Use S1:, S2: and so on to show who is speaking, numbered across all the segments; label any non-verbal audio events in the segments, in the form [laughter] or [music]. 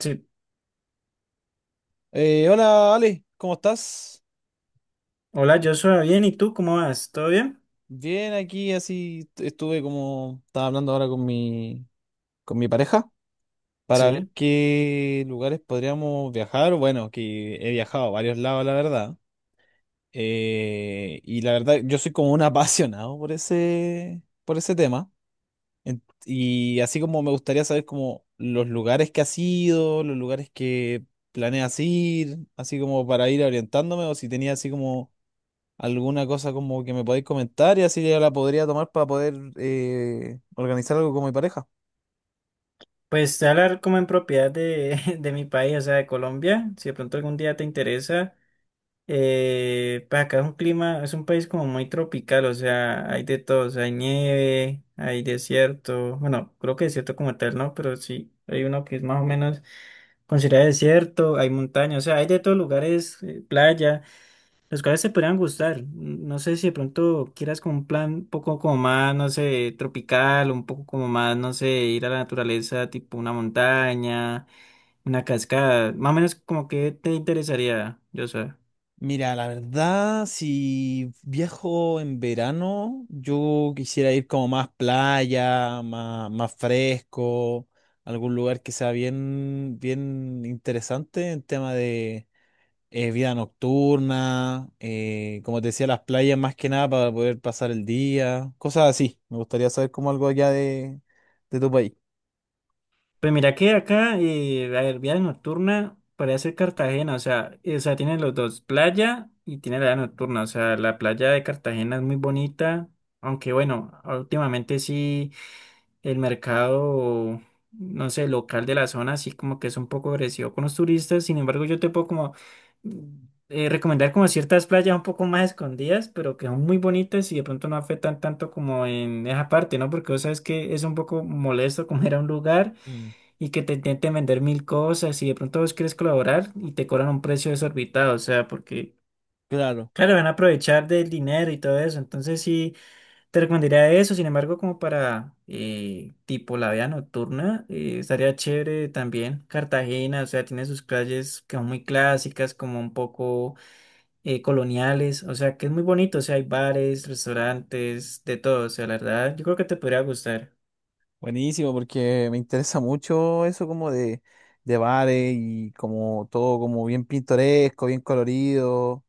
S1: Sí.
S2: Hola Ale, ¿cómo estás?
S1: Hola, yo soy bien. ¿Y tú cómo vas? ¿Todo bien?
S2: Bien, aquí así estuve como estaba hablando ahora con mi pareja para ver
S1: Sí.
S2: qué lugares podríamos viajar. Bueno, que he viajado a varios lados, la verdad. Y la verdad, yo soy como un [laughs] apasionado por ese tema. Y así como me gustaría saber como los lugares que has ido, los lugares que planeas ir, así como para ir orientándome o si tenía así como alguna cosa como que me podáis comentar y así ya la podría tomar para poder organizar algo con mi pareja.
S1: Pues te voy a hablar como en propiedad de, [laughs] de mi país, o sea, de Colombia. Si de pronto algún día te interesa, pues acá es un clima, es un país como muy tropical, o sea, hay de todo, o sea, hay nieve, hay desierto. Bueno, creo que desierto como tal, ¿no? Pero sí, hay uno que es más o menos considerado desierto, hay montaña, o sea, hay de todos lugares, playa. Los cuales te podrían gustar. No sé si de pronto quieras como un plan un poco como más, no sé, tropical, un poco como más, no sé, ir a la naturaleza, tipo una montaña, una cascada. Más o menos como que te interesaría, yo sé.
S2: Mira, la verdad, si viajo en verano, yo quisiera ir como más playa, más, más fresco, algún lugar que sea bien, bien interesante en tema de vida nocturna, como te decía, las playas más que nada para poder pasar el día, cosas así. Me gustaría saber como algo allá de tu país.
S1: Pues mira que acá, a ver, vida nocturna podría ser Cartagena, o sea, tiene los dos, playa y tiene la vida nocturna. O sea, la playa de Cartagena es muy bonita, aunque bueno, últimamente sí, el mercado, no sé, local de la zona, así como que es un poco agresivo con los turistas. Sin embargo, yo te puedo como mm, recomendar como ciertas playas un poco más escondidas, pero que son muy bonitas y de pronto no afectan tanto como en esa parte, ¿no? Porque vos sabes que es un poco molesto [laughs] como ir a un lugar y que te intenten vender mil cosas y de pronto vos quieres colaborar y te cobran un precio desorbitado, o sea, porque.
S2: Claro,
S1: Claro, van a aprovechar del dinero y todo eso. Entonces sí, te recomendaría eso, sin embargo, como para tipo la vida nocturna, estaría chévere también Cartagena, o sea, tiene sus calles que son muy clásicas, como un poco coloniales, o sea, que es muy bonito, o sea, hay bares, restaurantes, de todo, o sea, la verdad, yo creo que te podría gustar.
S2: buenísimo, porque me interesa mucho eso como de bares y como todo como bien pintoresco, bien colorido.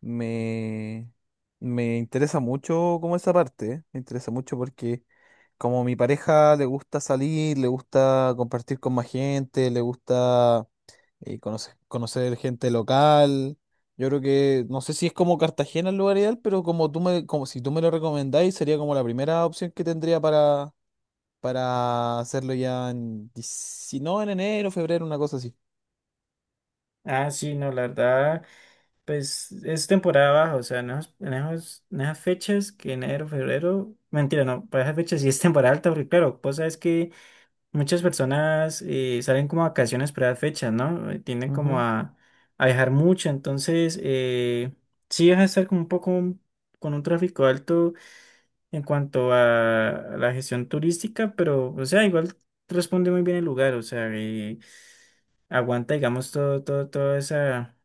S2: Me, me interesa mucho como esa parte, ¿eh? Me interesa mucho porque como mi pareja le gusta salir, le gusta compartir con más gente, le gusta conocer, conocer gente local. Yo creo que, no sé si es como Cartagena el lugar ideal, pero como tú me, como si tú me lo recomendáis, sería como la primera opción que tendría para hacerlo ya en, no, en enero, febrero, una cosa así.
S1: Ah, sí, no, la verdad, pues es temporada baja, o sea, en esas fechas que enero, febrero, mentira, no, para esas fechas sí es temporada alta, porque claro, vos sabes que muchas personas salen como a vacaciones para las fechas, ¿no? Tienden como
S2: Ujú.
S1: a, viajar mucho, entonces sí vas a estar como un poco con un tráfico alto en cuanto a, la gestión turística, pero o sea, igual responde muy bien el lugar, o sea, aguanta, digamos, todo, todo,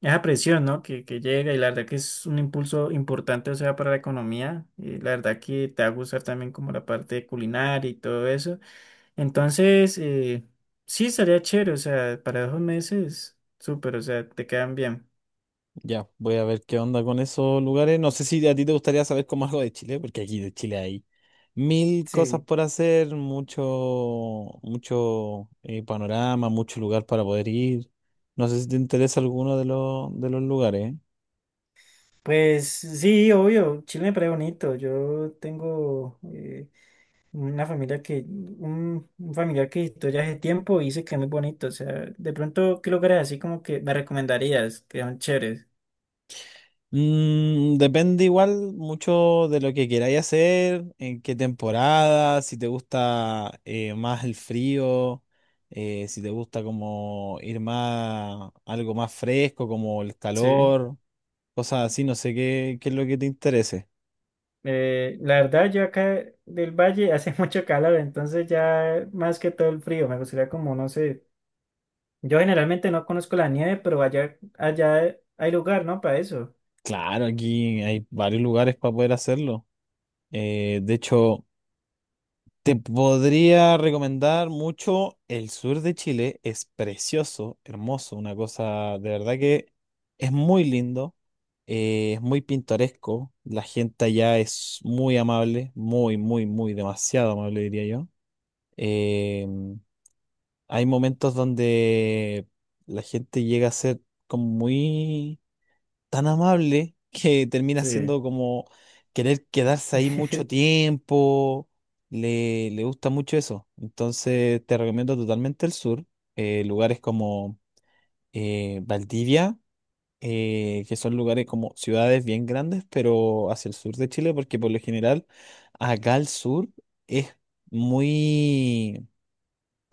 S1: esa presión, ¿no? Que llega y la verdad que es un impulso importante, o sea, para la economía, y la verdad que te va a gustar también como la parte culinaria y todo eso. Entonces, sí, estaría chévere, o sea, para 2 meses, súper, o sea, te quedan bien.
S2: Ya, voy a ver qué onda con esos lugares. No sé si a ti te gustaría saber como algo de Chile, porque aquí de Chile hay mil cosas
S1: Sí,
S2: por hacer, mucho, mucho panorama, mucho lugar para poder ir. No sé si te interesa alguno de los lugares.
S1: pues sí, obvio, Chile me parece bonito. Yo tengo una familia un familiar que visitó ya hace tiempo y dice que es muy bonito. O sea, de pronto, ¿qué lugares así como que me recomendarías? Que son chéveres.
S2: Mm, depende igual mucho de lo que queráis hacer, en qué temporada, si te gusta más el frío, si te gusta como ir más, algo más fresco, como el
S1: Sí.
S2: calor, cosas así, no sé qué, qué es lo que te interese.
S1: La verdad, yo acá del valle hace [laughs] mucho calor, entonces ya más que todo el frío, me gustaría como, no sé. Yo generalmente no conozco la nieve, pero allá hay lugar, ¿no? Para eso.
S2: Claro, aquí hay varios lugares para poder hacerlo. Eh, de hecho, Te podría recomendar mucho el sur de Chile, es precioso, hermoso, una cosa de verdad que es muy lindo, es muy pintoresco, la gente allá es muy amable, muy, muy, muy, demasiado amable diría yo. Eh, Hay momentos donde la gente llega a ser como muy tan amable que termina
S1: Sí.
S2: siendo como querer quedarse ahí mucho
S1: [laughs]
S2: tiempo. Le gusta mucho eso. Entonces te recomiendo totalmente el sur. Lugares como Valdivia, que son lugares como ciudades bien grandes, pero hacia el sur de Chile, porque por lo general acá al sur es muy,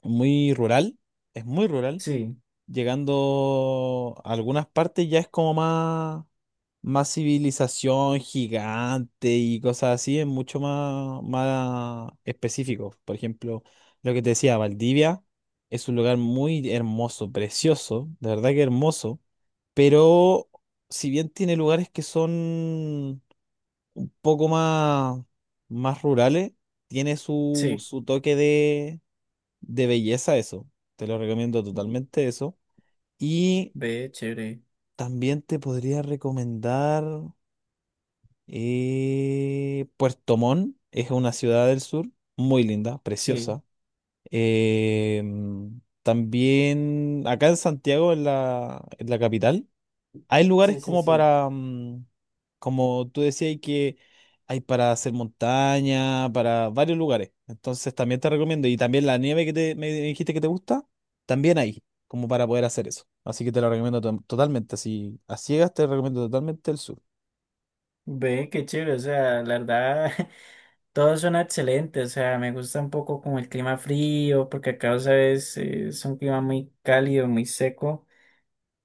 S2: muy rural. Es muy rural,
S1: Sí,
S2: llegando a algunas partes ya es como más, más civilización gigante y cosas así, es mucho más, más específico. Por ejemplo, lo que te decía, Valdivia es un lugar muy hermoso, precioso, de verdad que hermoso, pero si bien tiene lugares que son un poco más, más rurales, tiene su,
S1: sí.
S2: su toque de belleza eso. Te lo recomiendo totalmente eso. Y
S1: Ve, chévere.
S2: también te podría recomendar Puerto Montt, es una ciudad del sur, muy linda,
S1: Sí,
S2: preciosa. También acá en Santiago, en la capital, hay lugares
S1: sí, sí,
S2: como
S1: sí.
S2: para, mm, como tú decías, que hay para hacer montaña, para varios lugares. Entonces también te recomiendo. Y también la nieve que te, me dijiste que te gusta, también hay, como para poder hacer eso. Así que te lo recomiendo totalmente. Así, a ciegas te recomiendo totalmente el sur.
S1: Ve, qué chévere. O sea, la verdad, [laughs] todos son excelentes. O sea, me gusta un poco como el clima frío, porque acá, ¿sabes? Es un clima muy cálido, muy seco.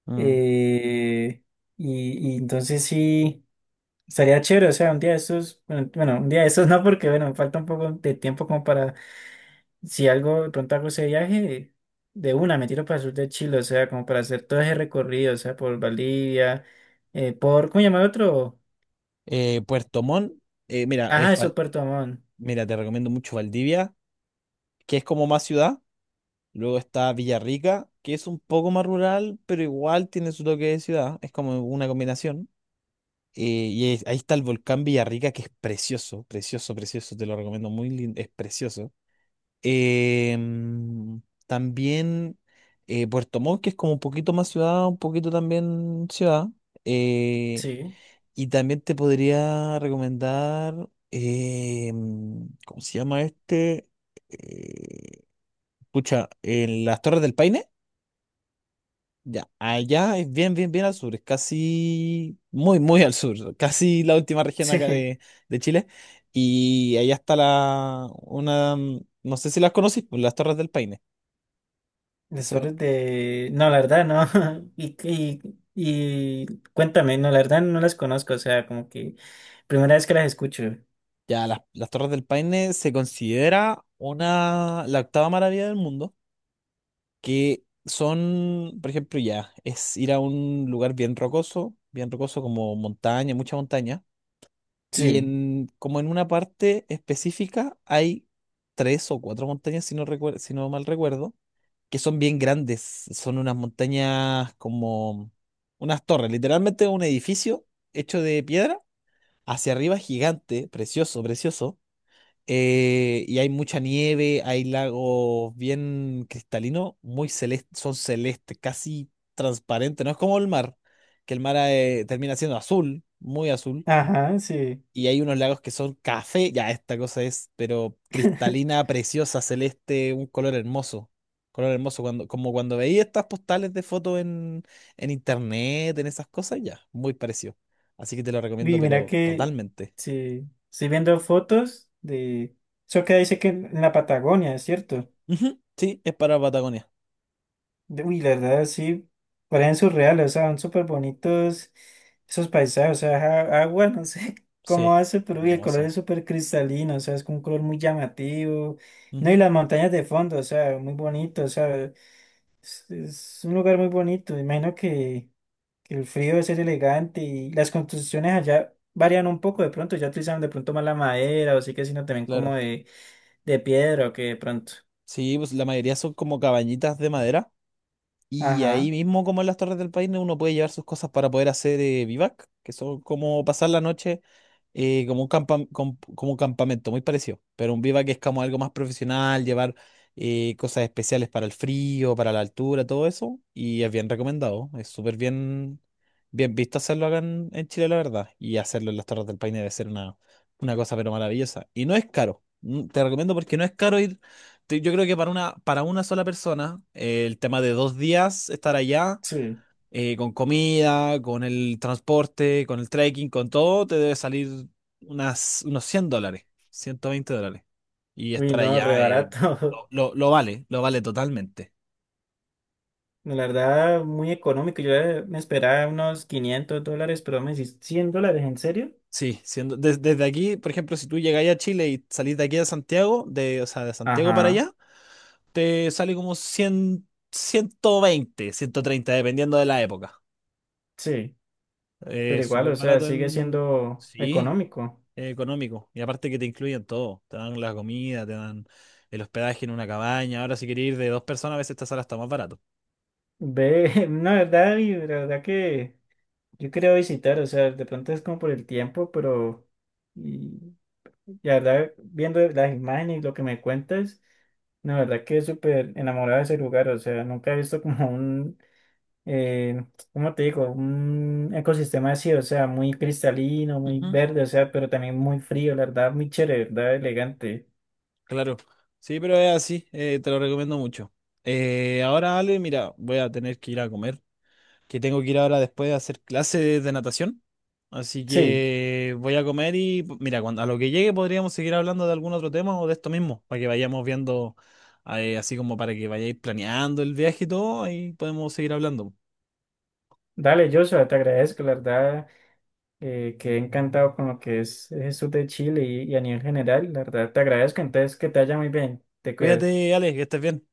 S2: Mm.
S1: Eh, y entonces sí. Estaría chévere, o sea, un día de estos, bueno, bueno, un día de estos no, porque bueno, me falta un poco de tiempo como para si algo, de pronto hago ese viaje, de una me tiro para el sur de Chile, o sea, como para hacer todo ese recorrido, o sea, por Bolivia, por, ¿cómo llamar otro?
S2: Puerto Montt, mira,
S1: Ajá, eso, Puerto Montt,
S2: Mira, te recomiendo mucho Valdivia, que es como más ciudad. Luego está Villarrica, que es un poco más rural, pero igual tiene su toque de ciudad. Es como una combinación. Ahí está el volcán Villarrica, que es precioso, precioso, precioso, te lo recomiendo, muy lindo, es precioso. Em, También Puerto Montt, que es como un poquito más ciudad, un poquito también ciudad. Eh,
S1: sí,
S2: y también te podría recomendar, ¿cómo se llama este? Eh, Pucha, en las Torres del Paine. Ya, allá es bien, bien, bien al sur, es casi muy, muy al sur, casi la última región
S1: [laughs]
S2: acá
S1: sí,
S2: de Chile. Y allá está la, una, mm, no sé si las conocís, pues las Torres del Paine. que son-
S1: desorden de, no, la verdad, no, [laughs] y cuéntame, no, la verdad no las conozco, o sea, como que primera vez que las escucho,
S2: ya, las Torres del Paine se considera una, la octava maravilla del mundo, que son, por ejemplo, ya, es ir a un lugar bien rocoso como montaña, mucha montaña. Y
S1: sí,
S2: en, como en una parte específica hay tres o cuatro montañas, si no mal recuerdo, que son bien grandes. Son unas montañas como unas torres, literalmente un edificio hecho de piedra, hacia arriba gigante, precioso, precioso. Y hay mucha nieve, hay lagos bien cristalinos, muy celestes, son celestes, casi transparentes. No es como el mar, que el mar termina siendo azul, muy azul,
S1: ajá, sí,
S2: y hay unos lagos que son café, ya esta cosa es, pero
S1: [laughs]
S2: cristalina, preciosa, celeste, un color hermoso. Color hermoso, cuando, como cuando veía estas postales de fotos en internet, en esas cosas, ya, muy parecido. Así que te lo recomiendo,
S1: y mira
S2: pero
S1: que,
S2: totalmente.
S1: sí, estoy viendo fotos de, eso que dice que en la Patagonia, ¿es cierto?
S2: Ujú, sí, es para Patagonia.
S1: Uy, la verdad, sí, parecen surreales, o sea, son súper bonitos esos paisajes, o sea, agua, no sé [laughs]
S2: Sí,
S1: cómo hace, pero uy, el color es
S2: hermoso.
S1: súper cristalino, o sea, es con un color muy llamativo, no, y
S2: Ujú,
S1: las montañas de fondo, o sea, muy bonito, o sea, es un lugar muy bonito, me imagino que, el frío debe ser elegante y las construcciones allá varían un poco de pronto, ya utilizan de pronto más la madera, o sí que sino también como
S2: claro.
S1: de, piedra o que de pronto,
S2: Sí, pues la mayoría son como cabañitas de madera. Y ahí
S1: ajá,
S2: mismo, como en las Torres del Paine, uno puede llevar sus cosas para poder hacer vivac, que son como pasar la noche como un como un campamento, muy parecido. Pero un vivac es como algo más profesional, llevar cosas especiales para el frío, para la altura, todo eso. Y es bien recomendado, es súper bien, bien visto hacerlo acá en Chile, la verdad. Y hacerlo en las Torres del Paine debe ser una cosa pero maravillosa. Y no es caro, mm, te recomiendo porque no es caro ir yo creo que para una sola persona, el tema de 2 días estar allá,
S1: sí,
S2: con comida, con el transporte, con el trekking, con todo, te debe salir unas, unos $100, $120. Y
S1: uy,
S2: estar
S1: no, re
S2: allá,
S1: barato.
S2: lo,
S1: [laughs]
S2: lo vale totalmente.
S1: La verdad, muy económico. Yo me esperaba unos 500 dólares, pero me decís 100 dólares, ¿en serio?
S2: Sí, siendo, desde aquí, por ejemplo, si tú llegáis a Chile y salís de aquí a Santiago, de, o sea, de Santiago para
S1: Ajá,
S2: allá, te sale como 100, 120, 130, dependiendo de la época.
S1: sí, pero igual,
S2: Súper
S1: o sea,
S2: barato
S1: sigue
S2: en...
S1: siendo
S2: Sí,
S1: económico.
S2: económico. Y aparte que te incluyen todo. Te dan la comida, te dan el hospedaje en una cabaña. Ahora si quieres ir de 2 personas, a veces esta sala está más barato.
S1: Ve, [laughs] no, verdad, y la verdad que yo quería visitar, o sea, de pronto es como por el tiempo, pero y, la verdad, viendo las imágenes y lo que me cuentas, la verdad que es súper enamorado de ese lugar, o sea, nunca he visto como un eh, ¿cómo te digo? Un ecosistema así, o sea, muy cristalino, muy
S2: Ujú.
S1: verde, o sea, pero también muy frío, la verdad, muy chévere, la verdad, elegante.
S2: Claro. Sí, pero es así. Te lo recomiendo mucho. Ahora, Ale, mira, voy a tener que ir a comer, que tengo que ir ahora después a hacer clases de natación. Así
S1: Sí,
S2: que voy a comer y mira, cuando, a lo que llegue podríamos seguir hablando de algún otro tema o de esto mismo, para que vayamos viendo, así como para que vayáis planeando el viaje y todo, ahí podemos seguir hablando.
S1: dale, Joshua, te agradezco, la verdad, quedé encantado con lo que es el sur de Chile y, a nivel general, la verdad, te agradezco, entonces que te vaya muy bien, te cuidas.
S2: Cuídate, Alex, que estés bien.